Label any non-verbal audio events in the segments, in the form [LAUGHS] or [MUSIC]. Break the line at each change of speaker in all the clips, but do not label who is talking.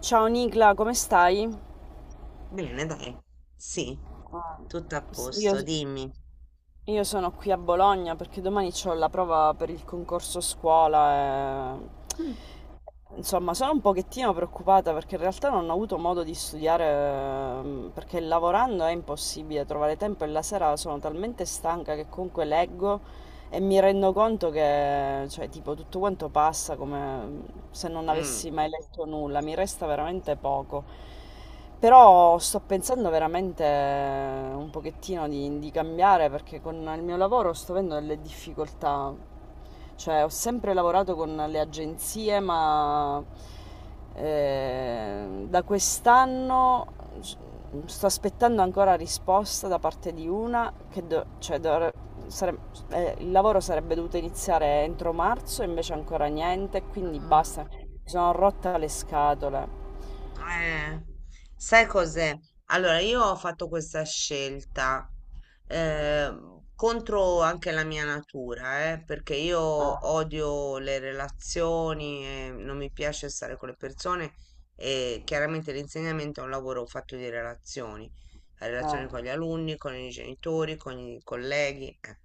Ciao Nicla, come stai?
Bene, dai. Sì,
Ah,
tutto a
s- Io,
posto, dimmi.
io sono qui a Bologna perché domani ho la prova per il concorso scuola e... Insomma, sono un pochettino preoccupata perché in realtà non ho avuto modo di studiare, perché lavorando è impossibile trovare tempo e la sera sono talmente stanca che comunque leggo e mi rendo conto che, cioè, tipo, tutto quanto passa come mm, se non avessi
Mm.
mai letto nulla, mi resta veramente poco. Però sto pensando veramente un pochettino di cambiare perché con il mio lavoro sto avendo delle difficoltà. Cioè, ho sempre lavorato con le agenzie, ma da quest'anno s- sto aspettando ancora risposta da parte di una che cioè sare- il lavoro sarebbe dovuto iniziare entro marzo, invece ancora niente, quindi
Mm.
basta. Mi sono rotta le scatole.
Eh, Sai cos'è? Allora, io ho fatto questa scelta eh, contro anche la mia natura, perché io
Ah,
odio le relazioni, e non mi piace stare con le persone e chiaramente l'insegnamento è un lavoro fatto di relazioni, la relazione con
ah,
gli alunni, con i genitori, con i colleghi,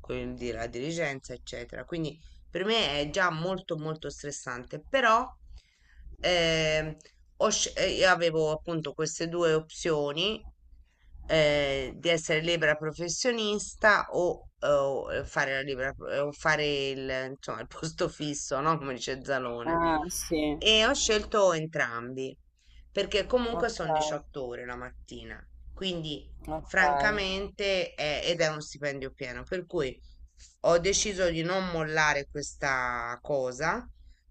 quindi la dirigenza, eccetera. Quindi per me è già molto molto stressante, però ehm, io avevo appunto queste due opzioni di essere libera professionista fare la libera, pro- o fare il, insomma, il posto fisso, no? Come dice Zalone.
ah, sì.
E ho scelto entrambi, perché comunque
Ok,
sono 18 ore la mattina, quindi
ok.
francamente ed è uno stipendio pieno, per cui ho deciso di non mollare questa cosa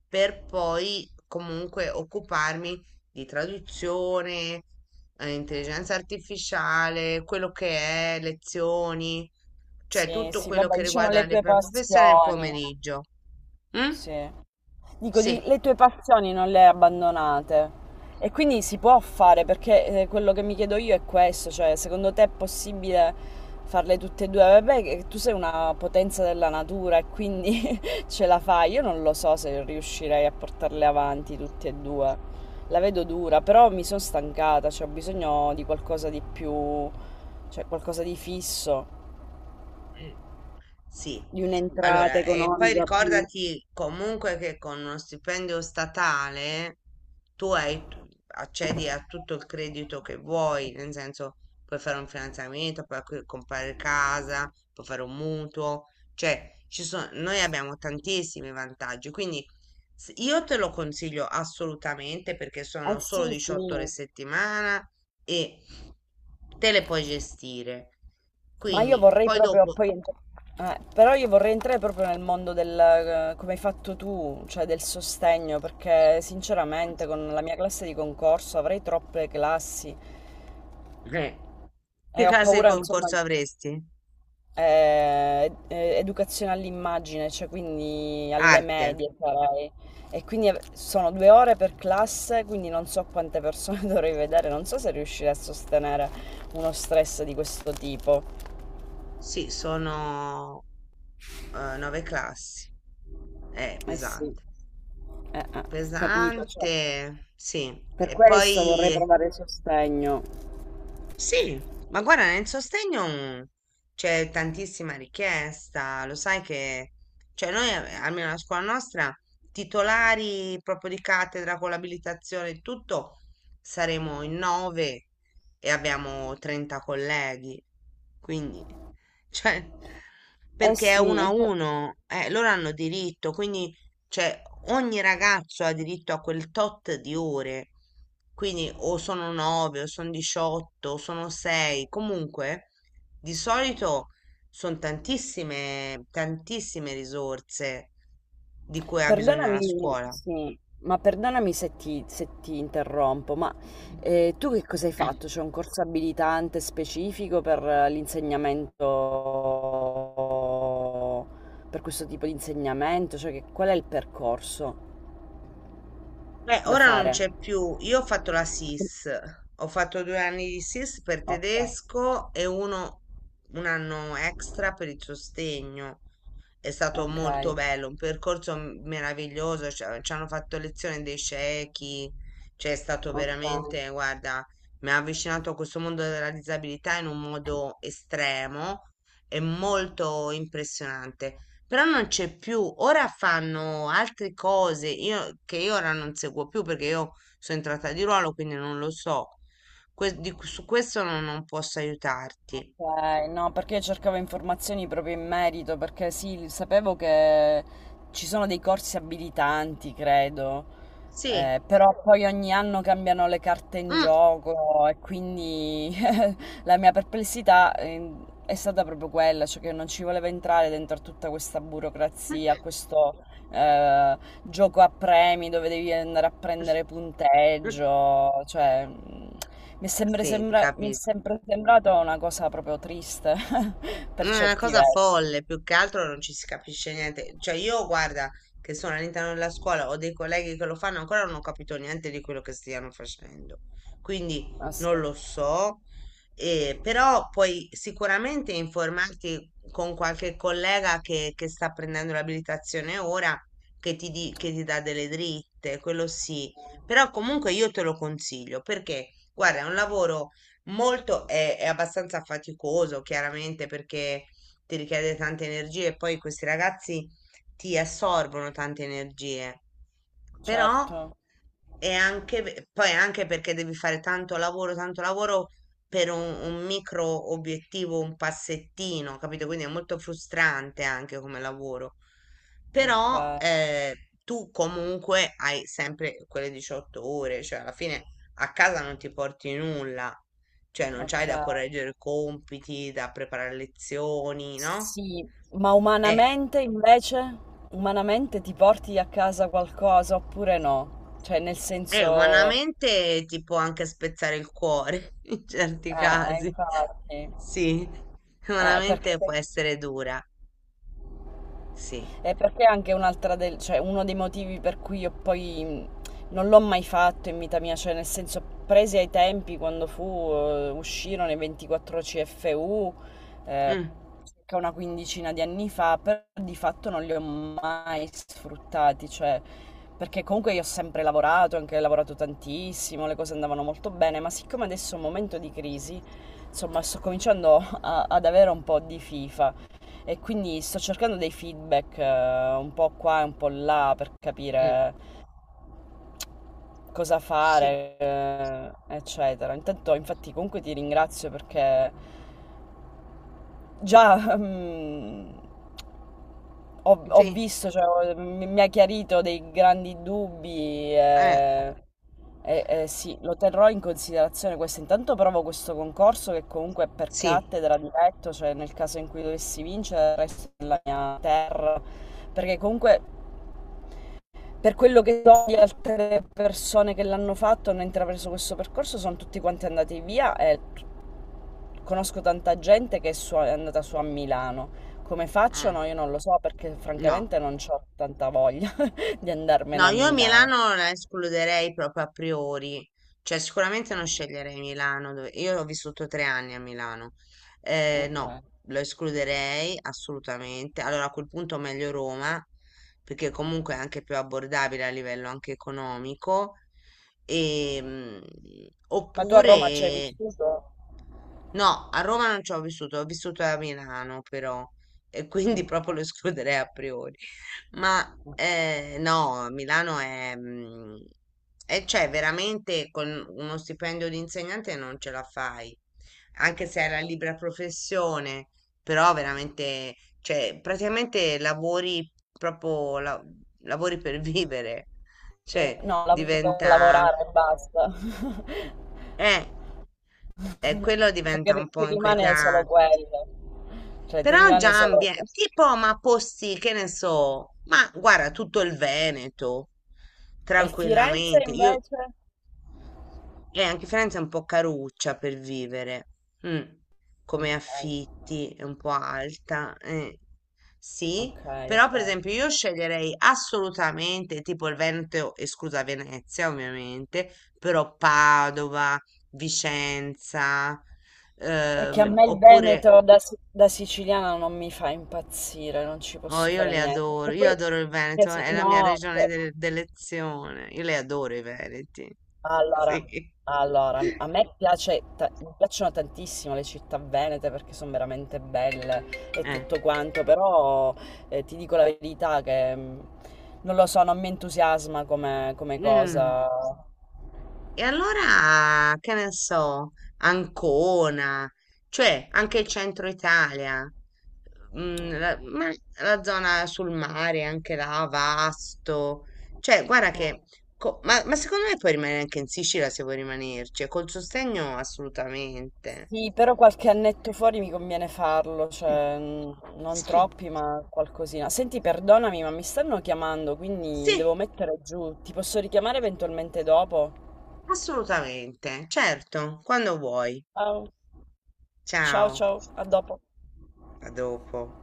per poi comunque occuparmi di traduzione, intelligenza artificiale, quello che è, lezioni, cioè
Sì,
tutto
sì,
quello
vabbè,
che
diciamo
riguarda
le
la mia
due
professione nel
passioni.
pomeriggio. Mm?
Sì. Dico,
Sì.
le tue passioni non le hai abbandonate e quindi si può fare perché quello che mi chiedo io è questo, cioè secondo te è possibile farle tutte e due? Vabbè, che tu sei una potenza della natura e quindi [LAUGHS] ce la fai. Io non lo so se riuscirei a portarle avanti tutte e due. La vedo dura, però mi sono stancata, cioè ho bisogno di qualcosa di più, cioè qualcosa di fisso,
Sì,
di un'entrata
allora, e poi
economica più.
ricordati comunque che con uno stipendio statale tu accedi a tutto il credito che vuoi, nel senso puoi fare un finanziamento, puoi comprare casa, puoi fare un mutuo, cioè ci sono, noi abbiamo tantissimi vantaggi, quindi io te lo consiglio assolutamente perché
Eh
sono
sì,
solo
sì,
18 ore a settimana e te le puoi gestire.
ma io
Quindi
vorrei
poi
proprio
dopo...
poi entrare. Però io vorrei entrare proprio nel mondo del, come hai fatto tu, cioè del sostegno, perché sinceramente con la mia classe di concorso avrei troppe classi
Eh,
e
Che
ho
classe di
paura, insomma,
concorso avresti?
educazione all'immagine, cioè quindi alle
Arte.
medie sarei. E quindi sono due ore per classe, quindi non so quante persone [LAUGHS] dovrei vedere, non so se riuscirei a sostenere uno stress di questo tipo.
Sì, sono nove classi. È
Eh sì.
pesante.
Eh, eh, capito, cioè
Pesante, sì.
per
E
questo vorrei
poi
provare sostegno.
Sì, ma guarda, nel sostegno c'è tantissima richiesta, lo sai che, cioè noi, almeno la scuola nostra, titolari proprio di cattedra con l'abilitazione e tutto, saremo in nove e abbiamo 30 colleghi, quindi, [LAUGHS] cioè,
Eh
perché è
sì,
uno a
e
uno, loro hanno diritto, quindi cioè, ogni ragazzo ha diritto a quel tot di ore. Quindi o sono 9, o sono 18, o sono 6. Comunque, di solito sono tantissime, tantissime risorse di cui ha bisogno la
perdonami,
scuola.
sì, ma perdonami se ti, se ti interrompo, ma tu che cosa hai fatto? C'è un corso abilitante specifico per, l'insegnamento, per questo tipo di insegnamento? Cioè qual è il percorso
Beh,
da
ora non
fare?
c'è più. Io ho fatto la SIS, ho fatto 2 anni di SIS per
Ok,
tedesco e un anno extra per il sostegno. È stato
ok,
molto bello, un percorso meraviglioso, ci hanno fatto lezione dei ciechi, cioè è stato
ok.
veramente, guarda, mi ha avvicinato a questo mondo della disabilità in un modo estremo e molto impressionante. Però non c'è più, ora fanno altre cose che io ora non seguo più perché io sono entrata di ruolo, quindi non lo so. Su questo non posso aiutarti.
Ok, no, perché io cercavo informazioni proprio in merito, perché sì, sapevo che ci sono dei corsi abilitanti, credo,
Sì.
però poi ogni anno cambiano le carte in
Mm.
gioco e quindi la mia perplessità, è stata proprio quella, cioè che non ci voleva entrare dentro a tutta questa burocrazia, a questo eh, gioco a premi dove devi andare a prendere
[LAUGHS]
punteggio, cioè mi è sempre,
Sì, ti
mi è
capisco.
sempre sembrato una cosa proprio triste [LAUGHS]
No,
per
è una
certi
cosa
versi.
folle, più che altro non ci si capisce niente. Cioè, io guarda che sono all'interno della scuola, ho dei colleghi che lo fanno, ancora non ho capito niente di quello che stiano facendo. Quindi
Ah sì,
non lo so, però puoi sicuramente informarti con qualche collega che sta prendendo l'abilitazione ora, che ti dà delle dritte, quello sì. Però comunque io te lo consiglio perché, guarda, è un lavoro è abbastanza faticoso, chiaramente, perché ti richiede tante energie e poi questi ragazzi ti assorbono tante energie. Però
certo,
è anche perché devi fare tanto lavoro per un micro obiettivo, un passettino, capito? Quindi è molto frustrante anche come lavoro.
ok,
Però tu comunque hai sempre quelle 18 ore, cioè alla fine a casa non ti porti nulla cioè, non c'hai da
ok.
correggere compiti, da preparare lezioni, no?
Sì, ma
È,
umanamente invece, umanamente ti porti a casa qualcosa oppure no? Cioè, nel
è
senso,
umanamente ti può anche spezzare il cuore [LAUGHS] in certi casi.
infatti,
Sì,
perché
umanamente può essere dura. Sì.
E perché anche un'altra del, cioè uno dei motivi per cui io poi non l'ho mai fatto in vita mia, cioè nel senso presi ai tempi quando fu, uscirono i 24 CFU, eh,
Mm,
circa una quindicina di anni fa, però di fatto non li ho mai sfruttati, cioè perché comunque io ho sempre lavorato, anche lavorato tantissimo, le cose andavano molto bene, ma siccome adesso è un momento di crisi, insomma sto cominciando ad avere un po' di fifa e quindi sto cercando dei feedback, un po' qua e un po' là per
mm,
capire cosa
sì.
fare, eccetera. Intanto, infatti, comunque ti ringrazio perché già [LAUGHS] ho
Sì,
visto, cioè, mi ha chiarito dei grandi dubbi.
eh,
E sì, lo terrò in considerazione questo. Intanto provo questo concorso che comunque è per
sì.
cattedra diretto, cioè nel caso in cui dovessi vincere resto nella mia terra, perché comunque per quello che so di altre persone che l'hanno fatto, hanno intrapreso questo percorso, sono tutti quanti andati via e conosco tanta gente che è, è andata su a Milano. Come
Mm,
facciano? Io non lo so perché
no.
francamente non ho tanta voglia [LAUGHS] di andarmene
No,
a
io
Milano.
Milano la escluderei proprio a priori, cioè sicuramente non sceglierei Milano, io ho vissuto 3 anni a Milano.
Ok.
No, lo escluderei assolutamente, allora a quel punto meglio Roma, perché comunque è anche più abbordabile a livello anche economico, e,
Ma tu a Roma ci hai
oppure...
vissuto?
No, a Roma non ci ho vissuto a Milano però, e [LAUGHS] quindi
Ok.
proprio lo escluderei a priori. [LAUGHS] Ma no, Milano è, e cioè veramente con uno stipendio di insegnante non ce la fai, anche se è la libera professione, però veramente, cioè praticamente lavori proprio, lavori per [LAUGHS] vivere, cioè
No, lavoro per
diventa,
lavorare e basta. [LAUGHS]
eh, quello diventa
Perché
un
ti
po'
rimane solo
inquietante.
quello. Cioè, ti
Però
rimane
già
solo... cioè,
tipo, ma posti, che ne so, ma guarda, tutto il Veneto,
E Firenze
tranquillamente. Io,
invece?
e anche Firenze è un po' caruccia per vivere, mm,
Okay,
come affitti, è un po' alta, eh. Sì,
okay,
però per
okay.
esempio io sceglierei assolutamente tipo il Veneto, esclusa Venezia ovviamente, però Padova, Vicenza,
È che a me il Però
oppure...
Veneto da, da siciliana non mi fa impazzire, non ci
Oh,
posso
io
fare
le
niente.
adoro,
E
io
poi,
adoro il
che
Veneto, è la mia
no,
regione d'elezione, io le adoro i Veneti.
allora,
[LAUGHS] Sì.
allora, a me piace, mi piacciono tantissimo le città venete perché sono veramente belle e
Eh.
tutto quanto, però ti dico la verità che non lo so, non mi entusiasma come, come
Mm.
cosa.
E allora, che ne so, Ancona, cioè anche il centro Italia, ma la zona sul mare, anche là, Vasto, cioè guarda che, ma secondo me puoi rimanere anche in Sicilia se vuoi rimanerci, e col sostegno assolutamente.
Sì, però qualche annetto fuori mi conviene farlo,
Mm,
cioè non
sì.
troppi, ma qualcosina. Senti, perdonami, ma mi stanno chiamando, quindi devo
Sì,
mettere giù. Ti posso richiamare eventualmente dopo?
assolutamente, certo, quando vuoi.
Ciao, ciao,
Ciao,
ciao, a dopo.
a dopo.